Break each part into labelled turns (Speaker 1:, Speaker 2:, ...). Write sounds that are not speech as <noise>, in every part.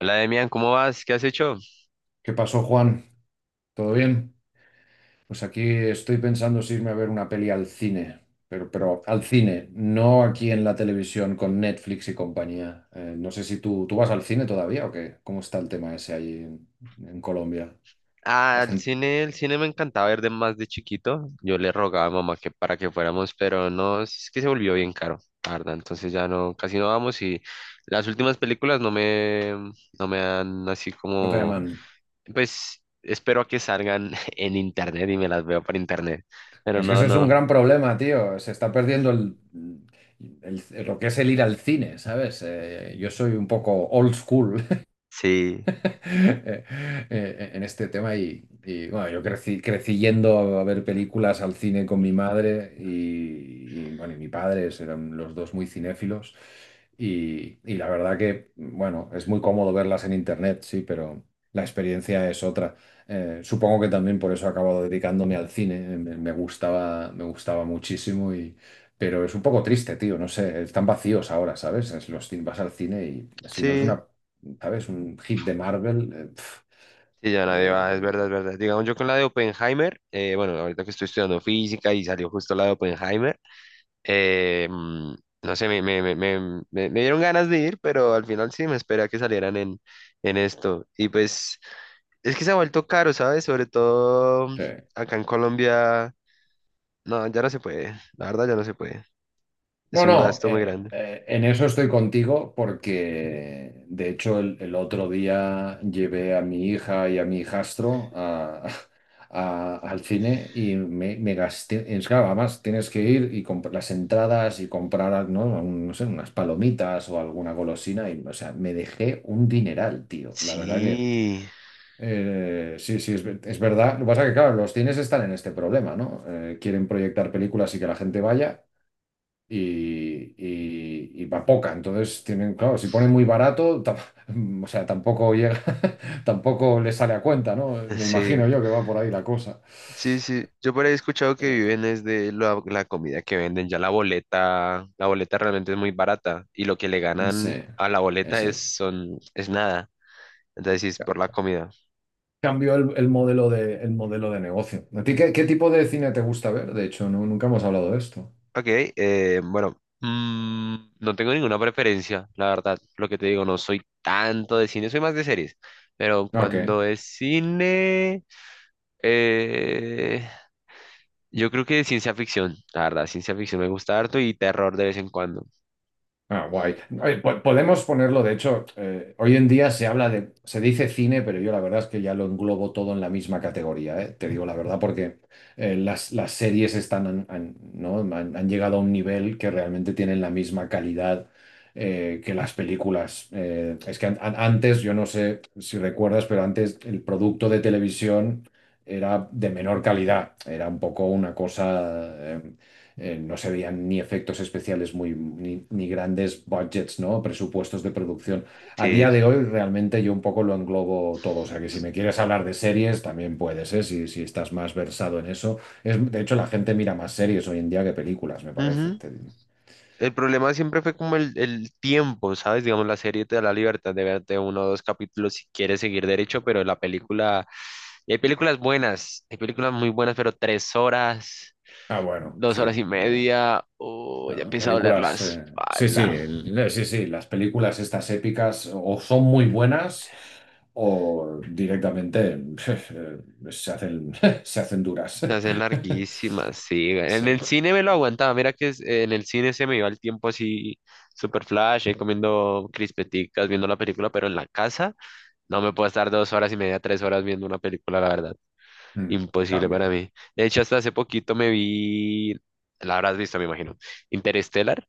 Speaker 1: Hola, Demian, ¿cómo vas? ¿Qué has hecho?
Speaker 2: ¿Qué pasó, Juan? ¿Todo bien? Pues aquí estoy pensando si irme a ver una peli al cine, pero al cine, no aquí en la televisión con Netflix y compañía. No sé si tú vas al cine todavía o qué. ¿Cómo está el tema ese ahí en Colombia? La
Speaker 1: Ah,
Speaker 2: gente,
Speaker 1: el cine me encantaba ver de más de chiquito. Yo le rogaba a mamá que para que fuéramos, pero no, es que se volvió bien caro, la verdad. Entonces ya no, casi no vamos y las últimas películas no me, no me dan así
Speaker 2: no te
Speaker 1: como,
Speaker 2: llaman.
Speaker 1: pues espero a que salgan <laughs> en internet y me las veo por internet. Pero
Speaker 2: Es que
Speaker 1: no,
Speaker 2: ese es un
Speaker 1: no,
Speaker 2: gran problema, tío. Se está perdiendo lo que es el ir al cine, ¿sabes? Yo soy un poco old school
Speaker 1: sí,
Speaker 2: <laughs> eh, en este tema bueno, yo crecí, crecí yendo a ver películas al cine con mi madre bueno, y mi padre eran los dos muy cinéfilos y la verdad que bueno, es muy cómodo verlas en internet, sí, pero la experiencia es otra. Supongo que también por eso he acabado dedicándome al cine, me gustaba muchísimo y pero es un poco triste, tío, no sé, están vacíos ahora, ¿sabes? Es los vas al cine y si no es
Speaker 1: sí.
Speaker 2: una, ¿sabes? Un hit de Marvel.
Speaker 1: Sí, ya nadie va, es verdad, es
Speaker 2: Eh,
Speaker 1: verdad. Digamos, yo con la de Oppenheimer, bueno, ahorita que estoy estudiando física y salió justo la de Oppenheimer. Eh, mm, no sé, me dieron ganas de ir, pero al final sí me esperé a que salieran en esto. Y pues es que se ha vuelto caro, ¿sabes? Sobre todo
Speaker 2: sí.
Speaker 1: acá en Colombia. No, ya no se puede. La verdad ya no se puede. Es
Speaker 2: No,
Speaker 1: un
Speaker 2: no,
Speaker 1: gasto muy grande.
Speaker 2: en eso estoy contigo porque de hecho el otro día llevé a mi hija y a mi hijastro al cine y me gasté, es claro, además tienes que ir y comprar las entradas y comprar, ¿no? No sé, unas palomitas o alguna golosina y, o sea, me dejé un dineral, tío, la verdad que...
Speaker 1: Sí,
Speaker 2: Sí, sí, es verdad. Lo que pasa es que, claro, los cines están en este problema, ¿no? Quieren proyectar películas y que la gente vaya y va poca. Entonces, tienen, claro, si ponen muy barato, <laughs> o sea, tampoco llega, <laughs> tampoco les sale a cuenta, ¿no? Me
Speaker 1: sí,
Speaker 2: imagino yo que va por ahí la cosa.
Speaker 1: sí, sí. Yo por ahí he escuchado que
Speaker 2: Eh,
Speaker 1: viven es de la, la comida que venden. Ya la boleta realmente es muy barata y lo que le ganan
Speaker 2: sí,
Speaker 1: a la boleta es,
Speaker 2: ese.
Speaker 1: son, es nada. Entonces sí, es por la comida.
Speaker 2: Cambió el modelo de negocio. ¿A ti qué, qué tipo de cine te gusta ver? De hecho, nunca hemos hablado de esto.
Speaker 1: Ok, bueno, no tengo ninguna preferencia, la verdad. Lo que te digo, no soy tanto de cine, soy más de series. Pero
Speaker 2: Ok.
Speaker 1: cuando es cine, eh, yo creo que de ciencia ficción, la verdad, ciencia ficción me gusta harto y terror de vez en cuando.
Speaker 2: Ah, guay. Oye, podemos ponerlo, de hecho, hoy en día se habla de, se dice cine, pero yo la verdad es que ya lo englobo todo en la misma categoría, ¿eh? Te digo la verdad, porque las series ¿no? Han llegado a un nivel que realmente tienen la misma calidad que las películas. Es que antes, yo no sé si recuerdas, pero antes el producto de televisión era de menor calidad, era un poco una cosa no se veían ni efectos especiales muy, ni grandes budgets, ¿no? Presupuestos de producción. A
Speaker 1: Sí.
Speaker 2: día de hoy realmente yo un poco lo englobo todo. O sea que si me quieres hablar de series, también puedes, ¿eh? Si estás más versado en eso. Es, de hecho, la gente mira más series hoy en día que películas, me parece.
Speaker 1: Ujú. El problema siempre fue como el tiempo, ¿sabes? Digamos, la serie te da la libertad de verte uno o dos capítulos si quieres seguir derecho, pero la película, y hay películas buenas, hay películas muy buenas, pero tres horas,
Speaker 2: Ah, bueno,
Speaker 1: dos
Speaker 2: sí.
Speaker 1: horas
Speaker 2: eh,
Speaker 1: y media, o ya
Speaker 2: No,
Speaker 1: empieza a doler la
Speaker 2: películas, sí, sí,
Speaker 1: espalda.
Speaker 2: sí, sí, las películas estas épicas o son muy buenas o directamente <laughs> eh, se hacen, <laughs> se hacen duras.
Speaker 1: Se
Speaker 2: <laughs>
Speaker 1: hacen larguísimas, sí.
Speaker 2: Sí,
Speaker 1: En el cine me lo aguantaba. Mira que es- en el cine se me iba el tiempo así, super flash, ahí comiendo crispeticas, viendo la película, pero en la casa no me puedo estar dos horas y media, tres horas viendo una película, la verdad.
Speaker 2: mm,
Speaker 1: Imposible para
Speaker 2: cambio.
Speaker 1: mí. De hecho, hasta hace poquito me vi, la habrás visto, me imagino, Interstellar.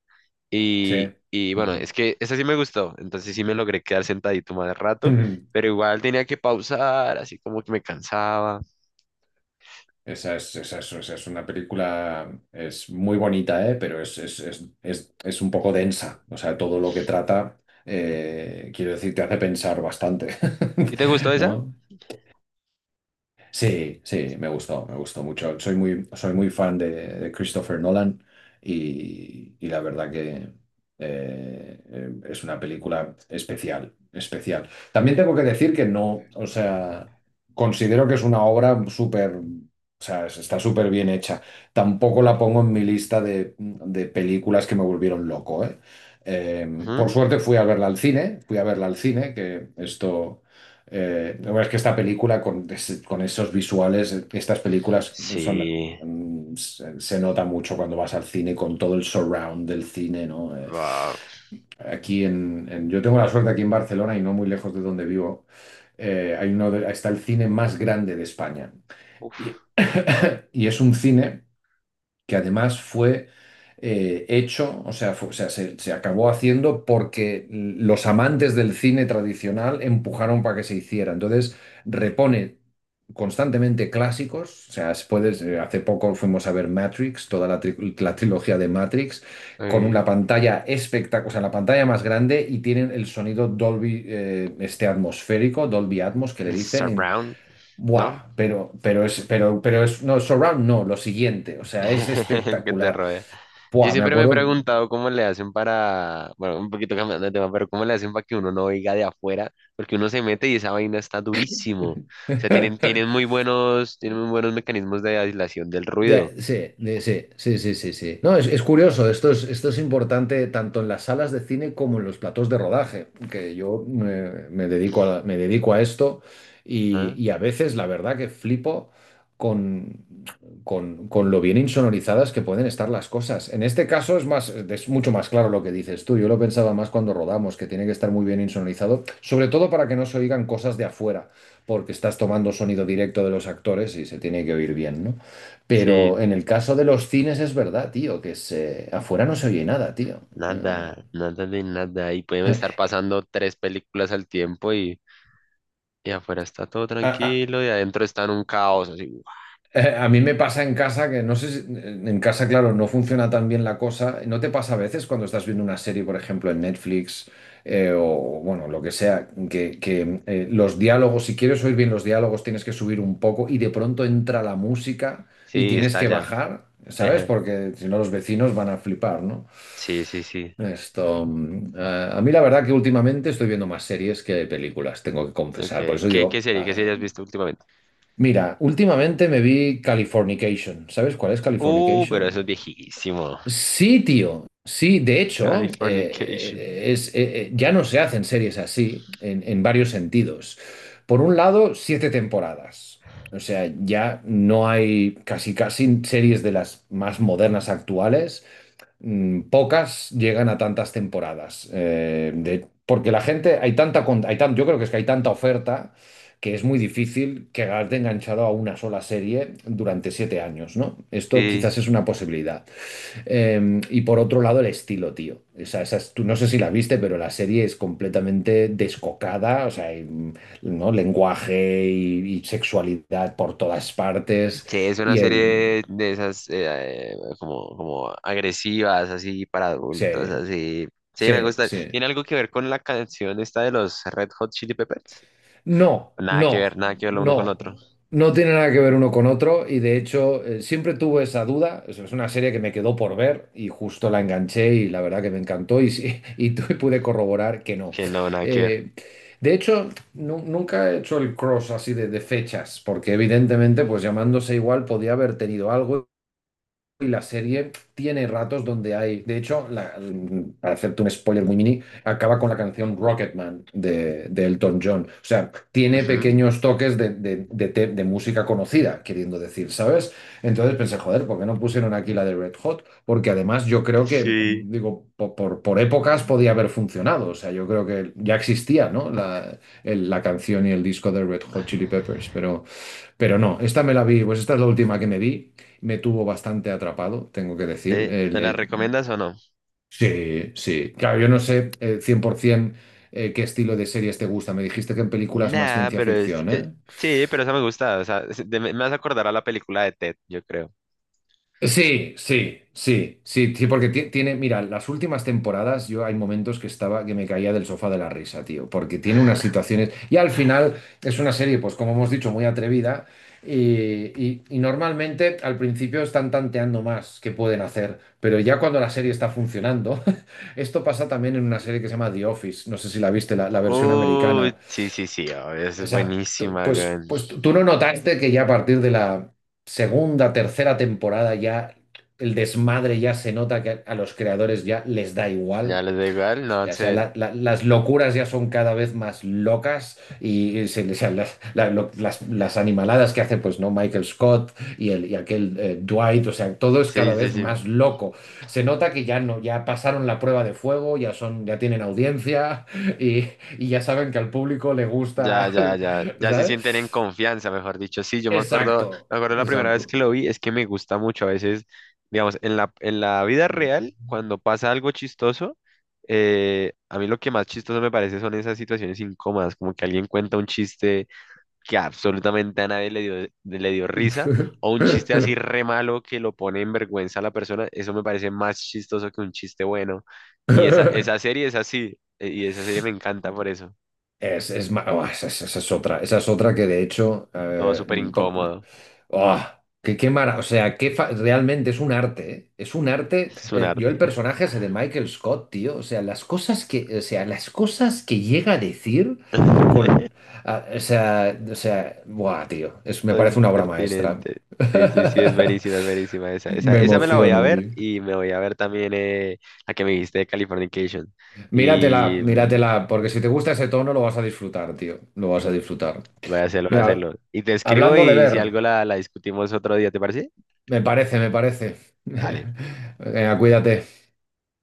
Speaker 2: Sí.
Speaker 1: Y bueno,
Speaker 2: Ujú.
Speaker 1: es que esa sí me gustó, entonces sí me logré quedar sentadito más rato,
Speaker 2: Ujú.
Speaker 1: pero igual tenía que pausar, así como que me cansaba.
Speaker 2: Esa es una película, es muy bonita, ¿eh? Pero es un poco densa. O sea, todo lo que trata, quiero decir, te hace pensar bastante,
Speaker 1: ¿Y te gustó
Speaker 2: <laughs>
Speaker 1: esa?
Speaker 2: ¿no? Sí, sí, me gustó mucho. Soy muy fan de Christopher Nolan y la verdad que es una película especial, especial. También tengo que decir que no, o sea, considero que es una obra súper, o sea, está súper bien hecha. Tampoco la pongo en mi lista de películas que me volvieron loco, ¿eh? Por
Speaker 1: Ujú.
Speaker 2: suerte fui a verla al cine, fui a verla al cine, que esto la verdad es que esta película con esos visuales, estas películas son,
Speaker 1: Sí.
Speaker 2: se, se nota mucho cuando vas al cine con todo el surround del cine, ¿no? Eh,
Speaker 1: Wow.
Speaker 2: aquí yo tengo la suerte aquí en Barcelona y no muy lejos de donde vivo, hay uno de- está el cine más grande de España.
Speaker 1: Uf.
Speaker 2: Y, <coughs> y es un cine que además fue hecho, o sea, o sea, se acabó haciendo porque los amantes del cine tradicional empujaron para que se hiciera. Entonces, repone constantemente clásicos, o sea, puedes, hace poco fuimos a ver Matrix, toda la trilogía de Matrix, con una
Speaker 1: Ay,
Speaker 2: pantalla espectacular, o sea, la pantalla más grande y tienen el sonido Dolby, este atmosférico, Dolby Atmos, que le
Speaker 1: el
Speaker 2: dicen.
Speaker 1: surround, ¿no?
Speaker 2: Buah, pero es, no, surround no, lo siguiente, o sea, es
Speaker 1: <laughs> que te
Speaker 2: espectacular.
Speaker 1: rodea. Yo
Speaker 2: Buah, me
Speaker 1: siempre me he
Speaker 2: acuerdo.
Speaker 1: preguntado cómo le hacen para, bueno, un poquito cambiando de tema, pero cómo le hacen para que uno no oiga de afuera, porque uno se mete y esa vaina está durísimo. O sea, tienen,
Speaker 2: <laughs>
Speaker 1: tienen muy buenos mecanismos de aislación del ruido.
Speaker 2: Sí, sí, sí, sí, sí. No, es curioso, esto es importante tanto en las salas de cine como en los platos de rodaje, que yo me dedico a esto y a veces la verdad que flipo con, con lo bien insonorizadas que pueden estar las cosas. En este caso es mucho más claro lo que dices tú. Yo lo pensaba más cuando rodamos, que tiene que estar muy bien insonorizado, sobre todo para que no se oigan cosas de afuera, porque estás tomando sonido directo de los actores y se tiene que oír bien, ¿no? Pero
Speaker 1: Sí,
Speaker 2: en el caso de los cines es verdad, tío, que afuera no se oye nada, tío. Eh,
Speaker 1: nada, nada de nada. Y pueden estar pasando tres películas al tiempo y afuera está todo
Speaker 2: a, a-
Speaker 1: tranquilo y adentro está en un caos. Así.
Speaker 2: a mí me pasa en casa que no sé si, en casa, claro, no funciona tan bien la cosa. ¿No te pasa a veces cuando estás viendo una serie, por ejemplo, en Netflix o, bueno, lo que sea, los diálogos, si quieres oír bien los diálogos, tienes que subir un poco y de pronto entra la música y
Speaker 1: Sí,
Speaker 2: tienes
Speaker 1: está
Speaker 2: que
Speaker 1: allá.
Speaker 2: bajar, ¿sabes?
Speaker 1: Ejé.
Speaker 2: Porque si no los vecinos van a flipar, ¿no?
Speaker 1: Sí, sí, sí.
Speaker 2: Esto, a mí la verdad que últimamente estoy viendo más series que películas, tengo que confesar. Por
Speaker 1: Okay.
Speaker 2: eso
Speaker 1: ¿Qué,
Speaker 2: digo,
Speaker 1: qué serie? ¿Qué serie
Speaker 2: ah,
Speaker 1: has visto últimamente?
Speaker 2: mira, últimamente me vi Californication. ¿Sabes cuál es Californication?
Speaker 1: Pero eso es viejísimo.
Speaker 2: Sí, tío. Sí, de hecho,
Speaker 1: Californication.
Speaker 2: ya no se hacen series así en varios sentidos. Por un lado, siete temporadas. O sea, ya no hay casi casi series de las más modernas actuales, pocas llegan a tantas temporadas. Porque la gente, hay tanta, con- hay tan- yo creo que es que hay tanta oferta que es muy difícil quedarte enganchado a una sola serie durante 7 años, ¿no? Esto
Speaker 1: Sí,
Speaker 2: quizás es una posibilidad. Y por otro lado, el estilo, tío. Tú no sé si la viste, pero la serie es completamente descocada, o sea, ¿no? Lenguaje y sexualidad por todas partes.
Speaker 1: sí, es una
Speaker 2: Y el...
Speaker 1: serie de esas como, como agresivas, así para adultos,
Speaker 2: Sí,
Speaker 1: así. Sí, me
Speaker 2: sí,
Speaker 1: gusta.
Speaker 2: sí.
Speaker 1: ¿Tiene algo que ver con la canción esta de los Red Hot Chili Peppers?
Speaker 2: No,
Speaker 1: Nada que ver,
Speaker 2: no,
Speaker 1: nada que ver lo uno con lo otro.
Speaker 2: no. No tiene nada que ver uno con otro y de hecho siempre tuve esa duda. Es una serie que me quedó por ver y justo la enganché y la verdad que me encantó y, sí, <laughs> pude corroborar que no.
Speaker 1: Que no, nada que ver.
Speaker 2: Eh, de hecho, nunca he hecho el cross así de fechas porque evidentemente pues llamándose igual podía haber tenido algo y la serie tiene ratos donde hay, de hecho, para hacerte un spoiler muy mini, acaba con la canción Rocketman de Elton John. O sea, tiene
Speaker 1: Ujú.
Speaker 2: pequeños toques de música conocida, queriendo decir, ¿sabes? Entonces pensé, joder, ¿por qué no pusieron aquí la de Red Hot? Porque además yo creo que,
Speaker 1: Sí.
Speaker 2: mm, digo, por épocas podía haber funcionado. O sea, yo creo que ya existía, ¿no? La canción y el disco de Red Hot Chili Peppers, pero... Pero no, esta me la vi, pues esta es la última que me vi, me tuvo bastante atrapado, tengo que decir.
Speaker 1: Sí, ¿me la recomiendas o no?
Speaker 2: Sí, sí. Claro, yo no sé 100% qué estilo de series te gusta. Me dijiste que en películas más
Speaker 1: Nada
Speaker 2: ciencia
Speaker 1: pero es...
Speaker 2: ficción,
Speaker 1: eh,
Speaker 2: ¿eh?
Speaker 1: sí, pero esa me gusta. O sea, es- de- me vas a acordar a la película de Ted, yo creo.
Speaker 2: Sí, sí, sí, sí, sí, porque tiene, mira, las últimas temporadas yo hay momentos que estaba, que me caía del sofá de la risa, tío, porque tiene unas situaciones y al final es una serie, pues como hemos dicho, muy atrevida y normalmente al principio están tanteando más qué pueden hacer, pero ya cuando la serie está funcionando, <laughs> esto pasa también en una serie que se llama The Office, no sé si la viste, la versión americana,
Speaker 1: Uy, sí, sí, sí, obvio, es
Speaker 2: esa- tú-
Speaker 1: buenísima,
Speaker 2: pues,
Speaker 1: weón.
Speaker 2: pues tú tú no notaste que ya a partir de la segunda, tercera temporada ya el desmadre ya se nota que a los creadores ya les da
Speaker 1: Ya
Speaker 2: igual.
Speaker 1: les da igual, no
Speaker 2: Ya
Speaker 1: sé.
Speaker 2: sea, las locuras ya son cada vez más locas y se, o sea, las, la- lo- las animaladas que hace, pues, ¿no? Michael Scott y aquel Dwight, o sea, todo es cada
Speaker 1: Sí, sí,
Speaker 2: vez
Speaker 1: sí.
Speaker 2: más loco. Se nota que ya no, ya pasaron la prueba de fuego, ya son, ya tienen audiencia y, y ya saben que al público le
Speaker 1: Ya,
Speaker 2: gusta,
Speaker 1: ya, ya,
Speaker 2: <laughs>
Speaker 1: ya se sienten en
Speaker 2: ¿sabes?
Speaker 1: confianza, mejor dicho. Sí, yo
Speaker 2: Exacto,
Speaker 1: me acuerdo la primera vez
Speaker 2: exacto.
Speaker 1: que lo vi, es que me gusta mucho a veces, digamos, en la vida real, cuando pasa algo chistoso, a mí lo que más chistoso me parece son esas situaciones incómodas, como que alguien cuenta un chiste que absolutamente a nadie le dio, le dio risa, o un chiste así re malo que lo pone en vergüenza a la persona, eso me parece más chistoso que un chiste bueno. Y esa
Speaker 2: <laughs>
Speaker 1: serie es así, y esa serie me encanta por eso,
Speaker 2: Oh, esa, esa es otra que de hecho,
Speaker 1: todo súper
Speaker 2: po-
Speaker 1: incómodo.
Speaker 2: oh, o sea, realmente es un arte, ¿eh? Es un arte,
Speaker 1: Es un
Speaker 2: yo el
Speaker 1: arte.
Speaker 2: personaje ese de Michael Scott, tío, o sea, las cosas que, o sea, las cosas que llega a decir
Speaker 1: <laughs>
Speaker 2: con, o sea, buah, tío, es, me
Speaker 1: Todo
Speaker 2: parece una obra maestra.
Speaker 1: impertinente. Sí, sí, sí,
Speaker 2: <laughs>
Speaker 1: es buenísima esa. Esa,
Speaker 2: Me
Speaker 1: esa me la voy a
Speaker 2: emociono,
Speaker 1: ver
Speaker 2: tío.
Speaker 1: y me voy a ver también la que me dijiste de Californication.
Speaker 2: Míratela,
Speaker 1: Y
Speaker 2: míratela, porque si te gusta ese tono lo vas a disfrutar, tío, lo vas a disfrutar.
Speaker 1: voy a hacerlo, voy a
Speaker 2: Mira,
Speaker 1: hacerlo. Y te escribo
Speaker 2: hablando de
Speaker 1: y
Speaker 2: ver.
Speaker 1: si algo la, la discutimos otro día, ¿te parece?
Speaker 2: Me parece, me parece. <laughs>
Speaker 1: Dale.
Speaker 2: Venga, cuídate.